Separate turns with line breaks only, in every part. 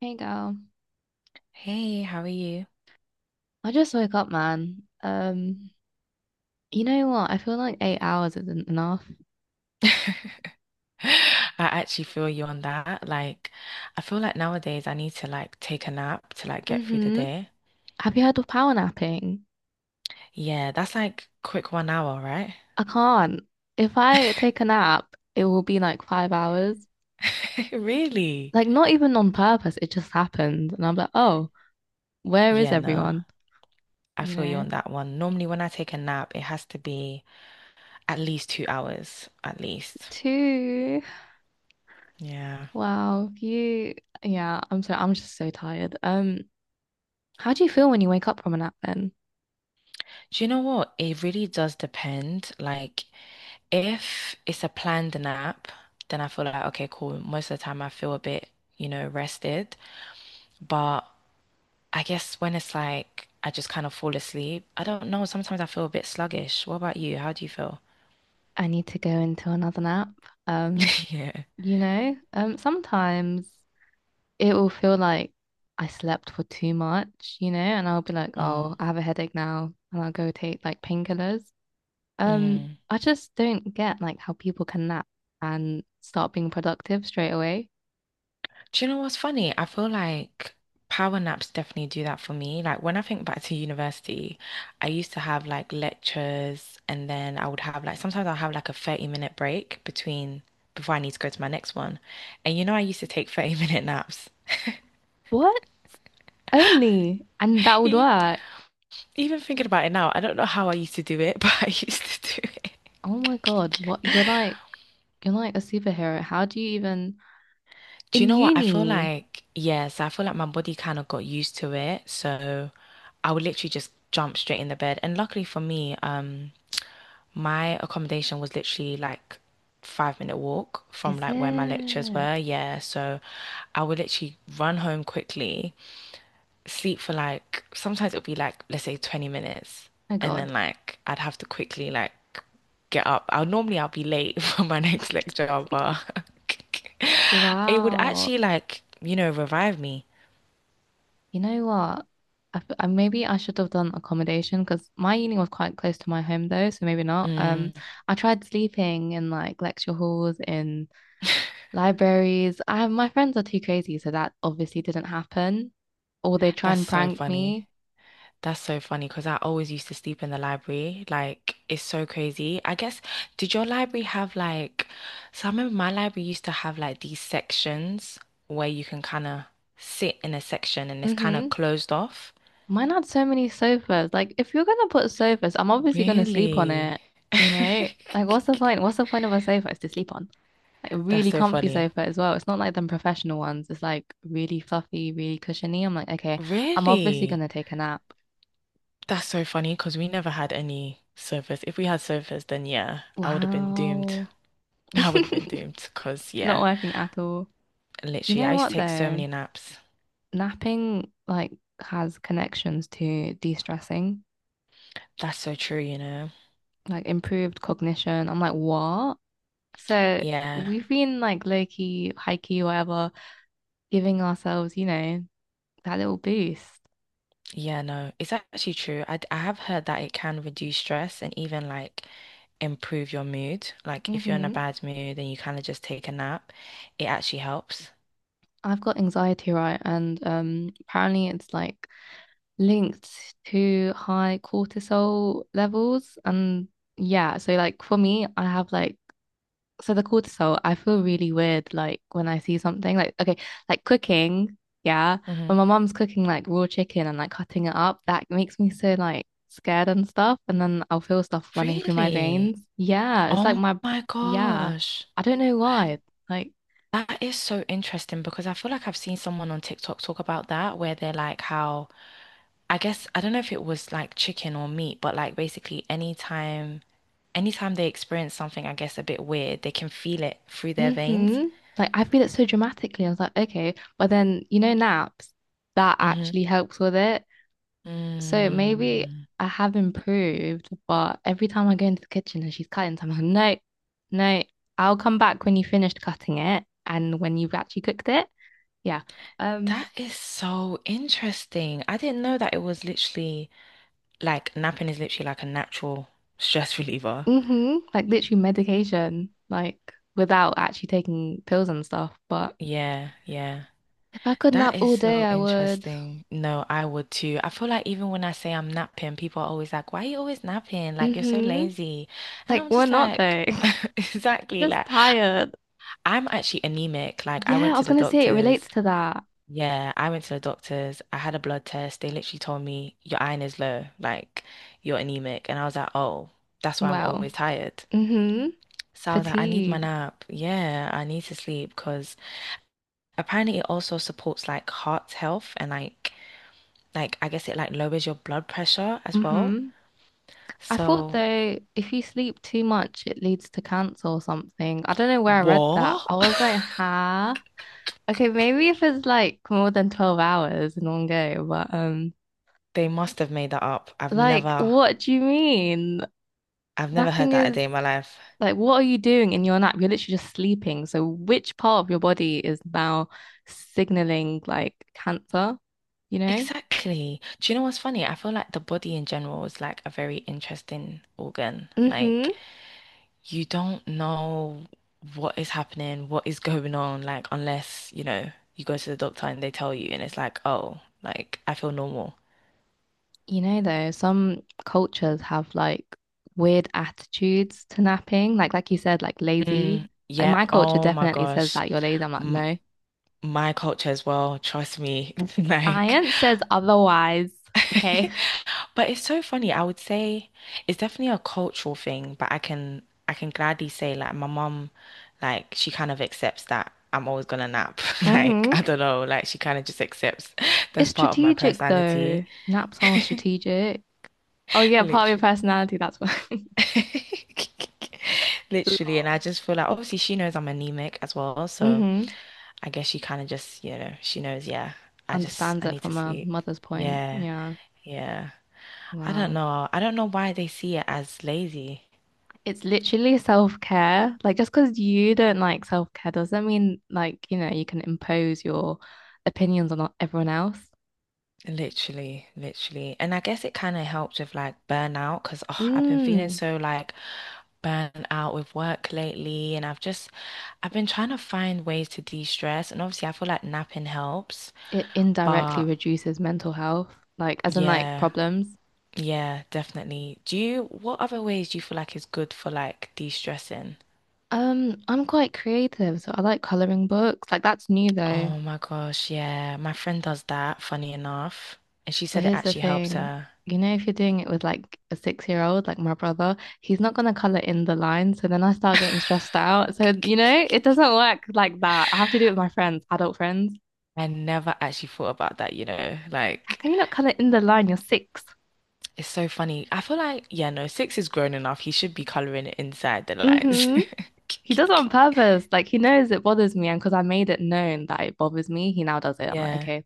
Hey girl,
Hey, how are you?
I just woke up, man. You know what? I feel like 8 hours isn't enough.
I actually feel you on that. Like, I feel like nowadays I need to like take a nap to like get through the
Mm-hmm.
day.
Have you heard of power napping?
Yeah, that's like quick 1 hour, right?
I can't. If I take a nap, it will be like 5 hours.
Really?
Like not even on purpose, it just happened. And I'm like, oh, where is
Yeah, no.
everyone?
I
You
feel you on
know?
that one. Normally when I take a nap, it has to be at least 2 hours, at least.
Two.
Yeah.
Wow, you yeah, I'm just so tired. How do you feel when you wake up from a nap then?
Do you know what? It really does depend. Like, if it's a planned nap, then I feel like, okay, cool. Most of the time I feel a bit, rested. But I guess when it's like I just kind of fall asleep, I don't know. Sometimes I feel a bit sluggish. What about you? How do you feel?
I need to go into another nap. Um.
Yeah.
Sometimes it will feel like I slept for too much, and I'll be like,
Mm.
oh, I have a headache now, and I'll go take like painkillers.
Mm.
I just don't get like how people can nap and start being productive straight away.
Do you know what's funny? I feel like power naps definitely do that for me. Like when I think back to university, I used to have like lectures and then I would have like sometimes I'll have like a 30-minute break between before I need to go to my next one. And you know I used to take 30-minute naps.
What? Only? And that would
E-
work.
Even thinking about it now, I don't know how I used to do it, but I used to do it.
Oh my God, what you're like a superhero. How do you even
Do you
in
know what? I feel
uni?
like, yes, I feel like my body kind of got used to it. So I would literally just jump straight in the bed. And luckily for me, my accommodation was literally like 5 minute walk from
Is
like where my lectures
it? Oh
were. Yeah. So I would literally run home quickly sleep for like sometimes it'll be like let's say 20 minutes
my
and
God.
then like I'd have to quickly like get up. I'll normally I'll be late for my next lecture, but it would
Wow.
actually like, you know, revive me.
You know what? Maybe I should have done accommodation because my uni was quite close to my home though, so maybe not.
Mm,
I tried sleeping in like lecture halls, in libraries. I my friends are too crazy, so that obviously didn't happen. Or they try
that's
and
so
prank
funny.
me.
That's so funny because I always used to sleep in the library. Like, it's so crazy. I guess, did your library have like, so I remember my library used to have like these sections where you can kind of sit in a section and it's kind
Mm-hmm.
of closed off.
Mine had so many sofas. Like, if you're gonna put sofas, I'm obviously gonna sleep on
Really?
it. You know, like, what's the point? What's the point of a sofa? It's to sleep on. Like a
That's
really
so
comfy
funny.
sofa as well. It's not like them professional ones. It's like really fluffy, really cushiony. I'm like, okay, I'm obviously
Really?
gonna take a nap.
That's so funny because we never had any surfers. If we had surfers, then yeah, I would have been doomed.
Wow.
I would have been doomed because,
Not
yeah,
working at all. You
literally, I
know
used to
what
take so
though?
many naps.
Napping like has connections to de-stressing,
That's so true, you know?
like improved cognition. I'm like, what? So
Yeah.
we've been like low-key, high-key, whatever, giving ourselves, that little boost.
Yeah, no, it's actually true. I have heard that it can reduce stress and even like improve your mood. Like if you're in a
Hmm.
bad mood and you kind of just take a nap, it actually helps.
I've got anxiety, right? And apparently it's like linked to high cortisol levels. And yeah, so like for me, I have like, so the cortisol, I feel really weird like when I see something like, okay, like cooking. Yeah. When
Hmm.
my mom's cooking like raw chicken and like cutting it up, that makes me so like scared and stuff. And then I'll feel stuff running through my
Really?
veins. Yeah. It's like
Oh
my,
my
yeah.
gosh.
I don't know why. Like,
That is so interesting because I feel like I've seen someone on TikTok talk about that where they're like how I guess I don't know if it was like chicken or meat, but like basically anytime they experience something, I guess, a bit weird, they can feel it through their veins.
mm-hmm. Like I feel it so dramatically. I was like, okay, but then, naps, that
Hmm.
actually helps with it. So maybe
Mm,
I have improved, but every time I go into the kitchen and she's cutting something, I'm like, no, no, I'll come back when you finished cutting it and when you've actually cooked it. Yeah.
that
Um,
is so interesting. I didn't know that it was literally like napping is literally like a natural stress reliever.
mm-hmm. Like literally medication, like without actually taking pills and stuff. But
Yeah, yeah.
if I could
That
nap
is
all day,
so
I would.
interesting. No, I would too. I feel like even when I say I'm napping, people are always like, "Why are you always napping? Like, you're so
Mm-hmm.
lazy." And
Like
I'm
we're
just
not
like,
though.
exactly.
Just
Like,
tired.
I'm actually anemic. Like, I
Yeah, I
went to
was
the
gonna say it
doctors.
relates to that.
Yeah, I went to the doctors. I had a blood test. They literally told me your iron is low, like you're anemic. And I was like, oh, that's why I'm
Well,
always tired.
mm-hmm.
So I was like, I need my
Fatigued.
nap. Yeah, I need to sleep because apparently it also supports like heart health and like I guess it like lowers your blood pressure as well.
Mm-hmm. I thought
So
though, if you sleep too much, it leads to cancer or something. I don't know where I read that.
what?
I was like, huh? Okay, maybe if it's like more than 12 hours in one go, but
They must have made that up.
like, what do you mean?
I've never heard
Napping
that a
is
day in my life.
like, what are you doing in your nap? You're literally just sleeping. So which part of your body is now signaling like cancer, you know?
Exactly. Do you know what's funny? I feel like the body in general is like a very interesting organ.
Mm-hmm.
Like you don't know what is happening, what is going on, like unless, you know, you go to the doctor and they tell you and it's like, oh, like I feel normal.
You know, though, some cultures have like weird attitudes to napping. Like you said, like lazy.
Mm,
Like my
yep.
culture
Oh my
definitely says
gosh.
that you're lazy. I'm like,
M
no.
My culture as well. Trust me. Like
Science says otherwise. Okay.
but it's so funny. I would say it's definitely a cultural thing, but I can gladly say like my mum, like she kind of accepts that I'm always gonna nap. Like
Hmm.
I don't know, like she kind of just accepts
It's
that's part of my
strategic though.
personality,
Naps are strategic. Oh yeah, part of your
literally.
personality. That's why.
Literally, and I
Lol.
just feel like obviously she knows I'm anemic as well, so
Mm-hmm.
I guess she kind of just, you know, she knows, yeah, I just
Understands
I
it
need to
from a
sleep.
mother's point.
Yeah,
Yeah.
yeah. I don't
Wow.
know. I don't know why they see it as lazy.
It's literally self-care. Like just because you don't like self-care doesn't mean like, you know, you can impose your opinions on everyone else.
Literally, literally. And I guess it kind of helped with like burnout because oh, I've been feeling
Mm,
so like burnt out with work lately. I've been trying to find ways to de-stress. And obviously, I feel like napping helps.
it indirectly
But
reduces mental health, like as in like
yeah,
problems.
yeah, definitely. What other ways do you feel like is good for like de-stressing?
I'm quite creative, so I like coloring books. Like that's new though.
Oh my gosh, yeah. My friend does that, funny enough. And she
But
said it
here's the
actually helps
thing.
her.
You know, if you're doing it with like a six-year-old, like my brother, he's not gonna color in the lines. So then I start getting stressed out. So, you know, it doesn't work like that. I have to do it with my friends, adult friends.
I never actually thought about that, you know,
How
like.
can you not colour in the line? You're 6.
It's so funny. I feel like, yeah, no, six is grown enough. He should be coloring it inside the lines.
Mm-hmm. He does it on purpose. Like he knows it bothers me, and because I made it known that it bothers me, he now does it. I'm like,
Yeah.
okay,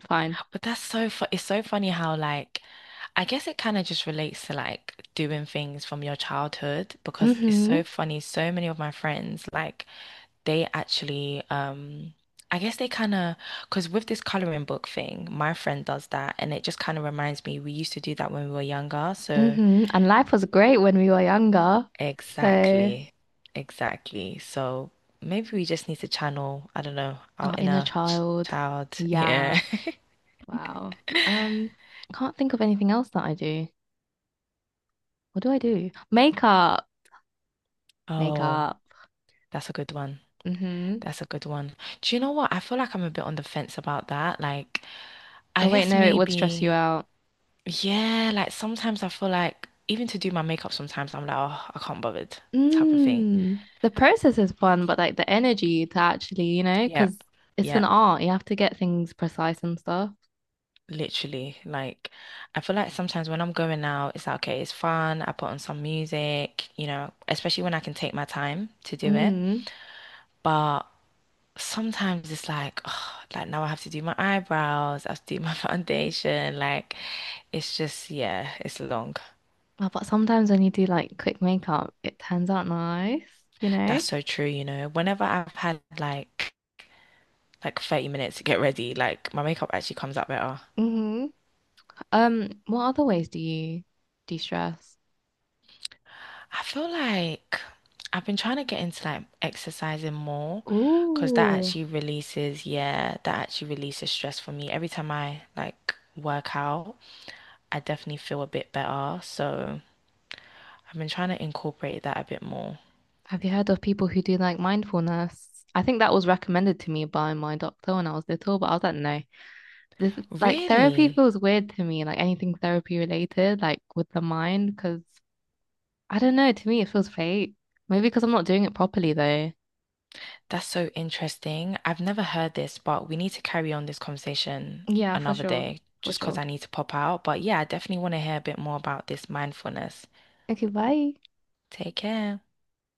fine.
But that's so fu It's so funny how like I guess it kind of just relates to like doing things from your childhood because it's
Mm-hmm.
so funny. So many of my friends like they actually I guess they kind of because with this coloring book thing, my friend does that and it just kind of reminds me we used to do that when we were younger. So
Mm-hmm. And life was great when we were younger. So
exactly. Exactly. So maybe we just need to channel, I don't know, our
our inner
inner ch-
child.
child. Yeah.
Yeah. Wow. Um, can't think of anything else that I do. What do I do? Makeup.
Oh,
Makeup.
that's a good one.
Mm-hmm.
That's a good one. Do you know what? I feel like I'm a bit on the fence about that. Like, I
Oh wait,
guess
no, it would stress you
maybe,
out.
yeah, like sometimes I feel like even to do my makeup, sometimes I'm like, oh, I can't bother, type of thing.
Mm, the process is fun, but like the energy to actually, you know,
Yeah.
because it's an
Yeah.
art. You have to get things precise and stuff.
Literally, like I feel like sometimes when I'm going out, it's like, okay, it's fun. I put on some music, you know, especially when I can take my time to do it.
Mm.
But sometimes it's like, oh, like now I have to do my eyebrows, I have to do my foundation. Like it's just, yeah, it's long.
Oh, but sometimes when you do like quick makeup, it turns out nice, you know?
That's so true, you know. Whenever I've had like 30 minutes to get ready, like my makeup actually comes out better.
Mm-hmm. What other ways do you de-stress?
I feel like I've been trying to get into like exercising more because that
Ooh,
actually releases, yeah, that actually releases stress for me. Every time I like work out, I definitely feel a bit better. So I've been trying to incorporate that a bit more.
have you heard of people who do like mindfulness? I think that was recommended to me by my doctor when I was little, but I was like, no. This like therapy
Really?
feels weird to me, like anything therapy related, like with the mind, because I don't know, to me it feels fake. Maybe because I'm not doing it properly though.
That's so interesting. I've never heard this, but we need to carry on this conversation
Yeah, for
another
sure.
day
For
just because
sure.
I need to pop out. But yeah, I definitely want to hear a bit more about this mindfulness.
Okay, bye.
Take care.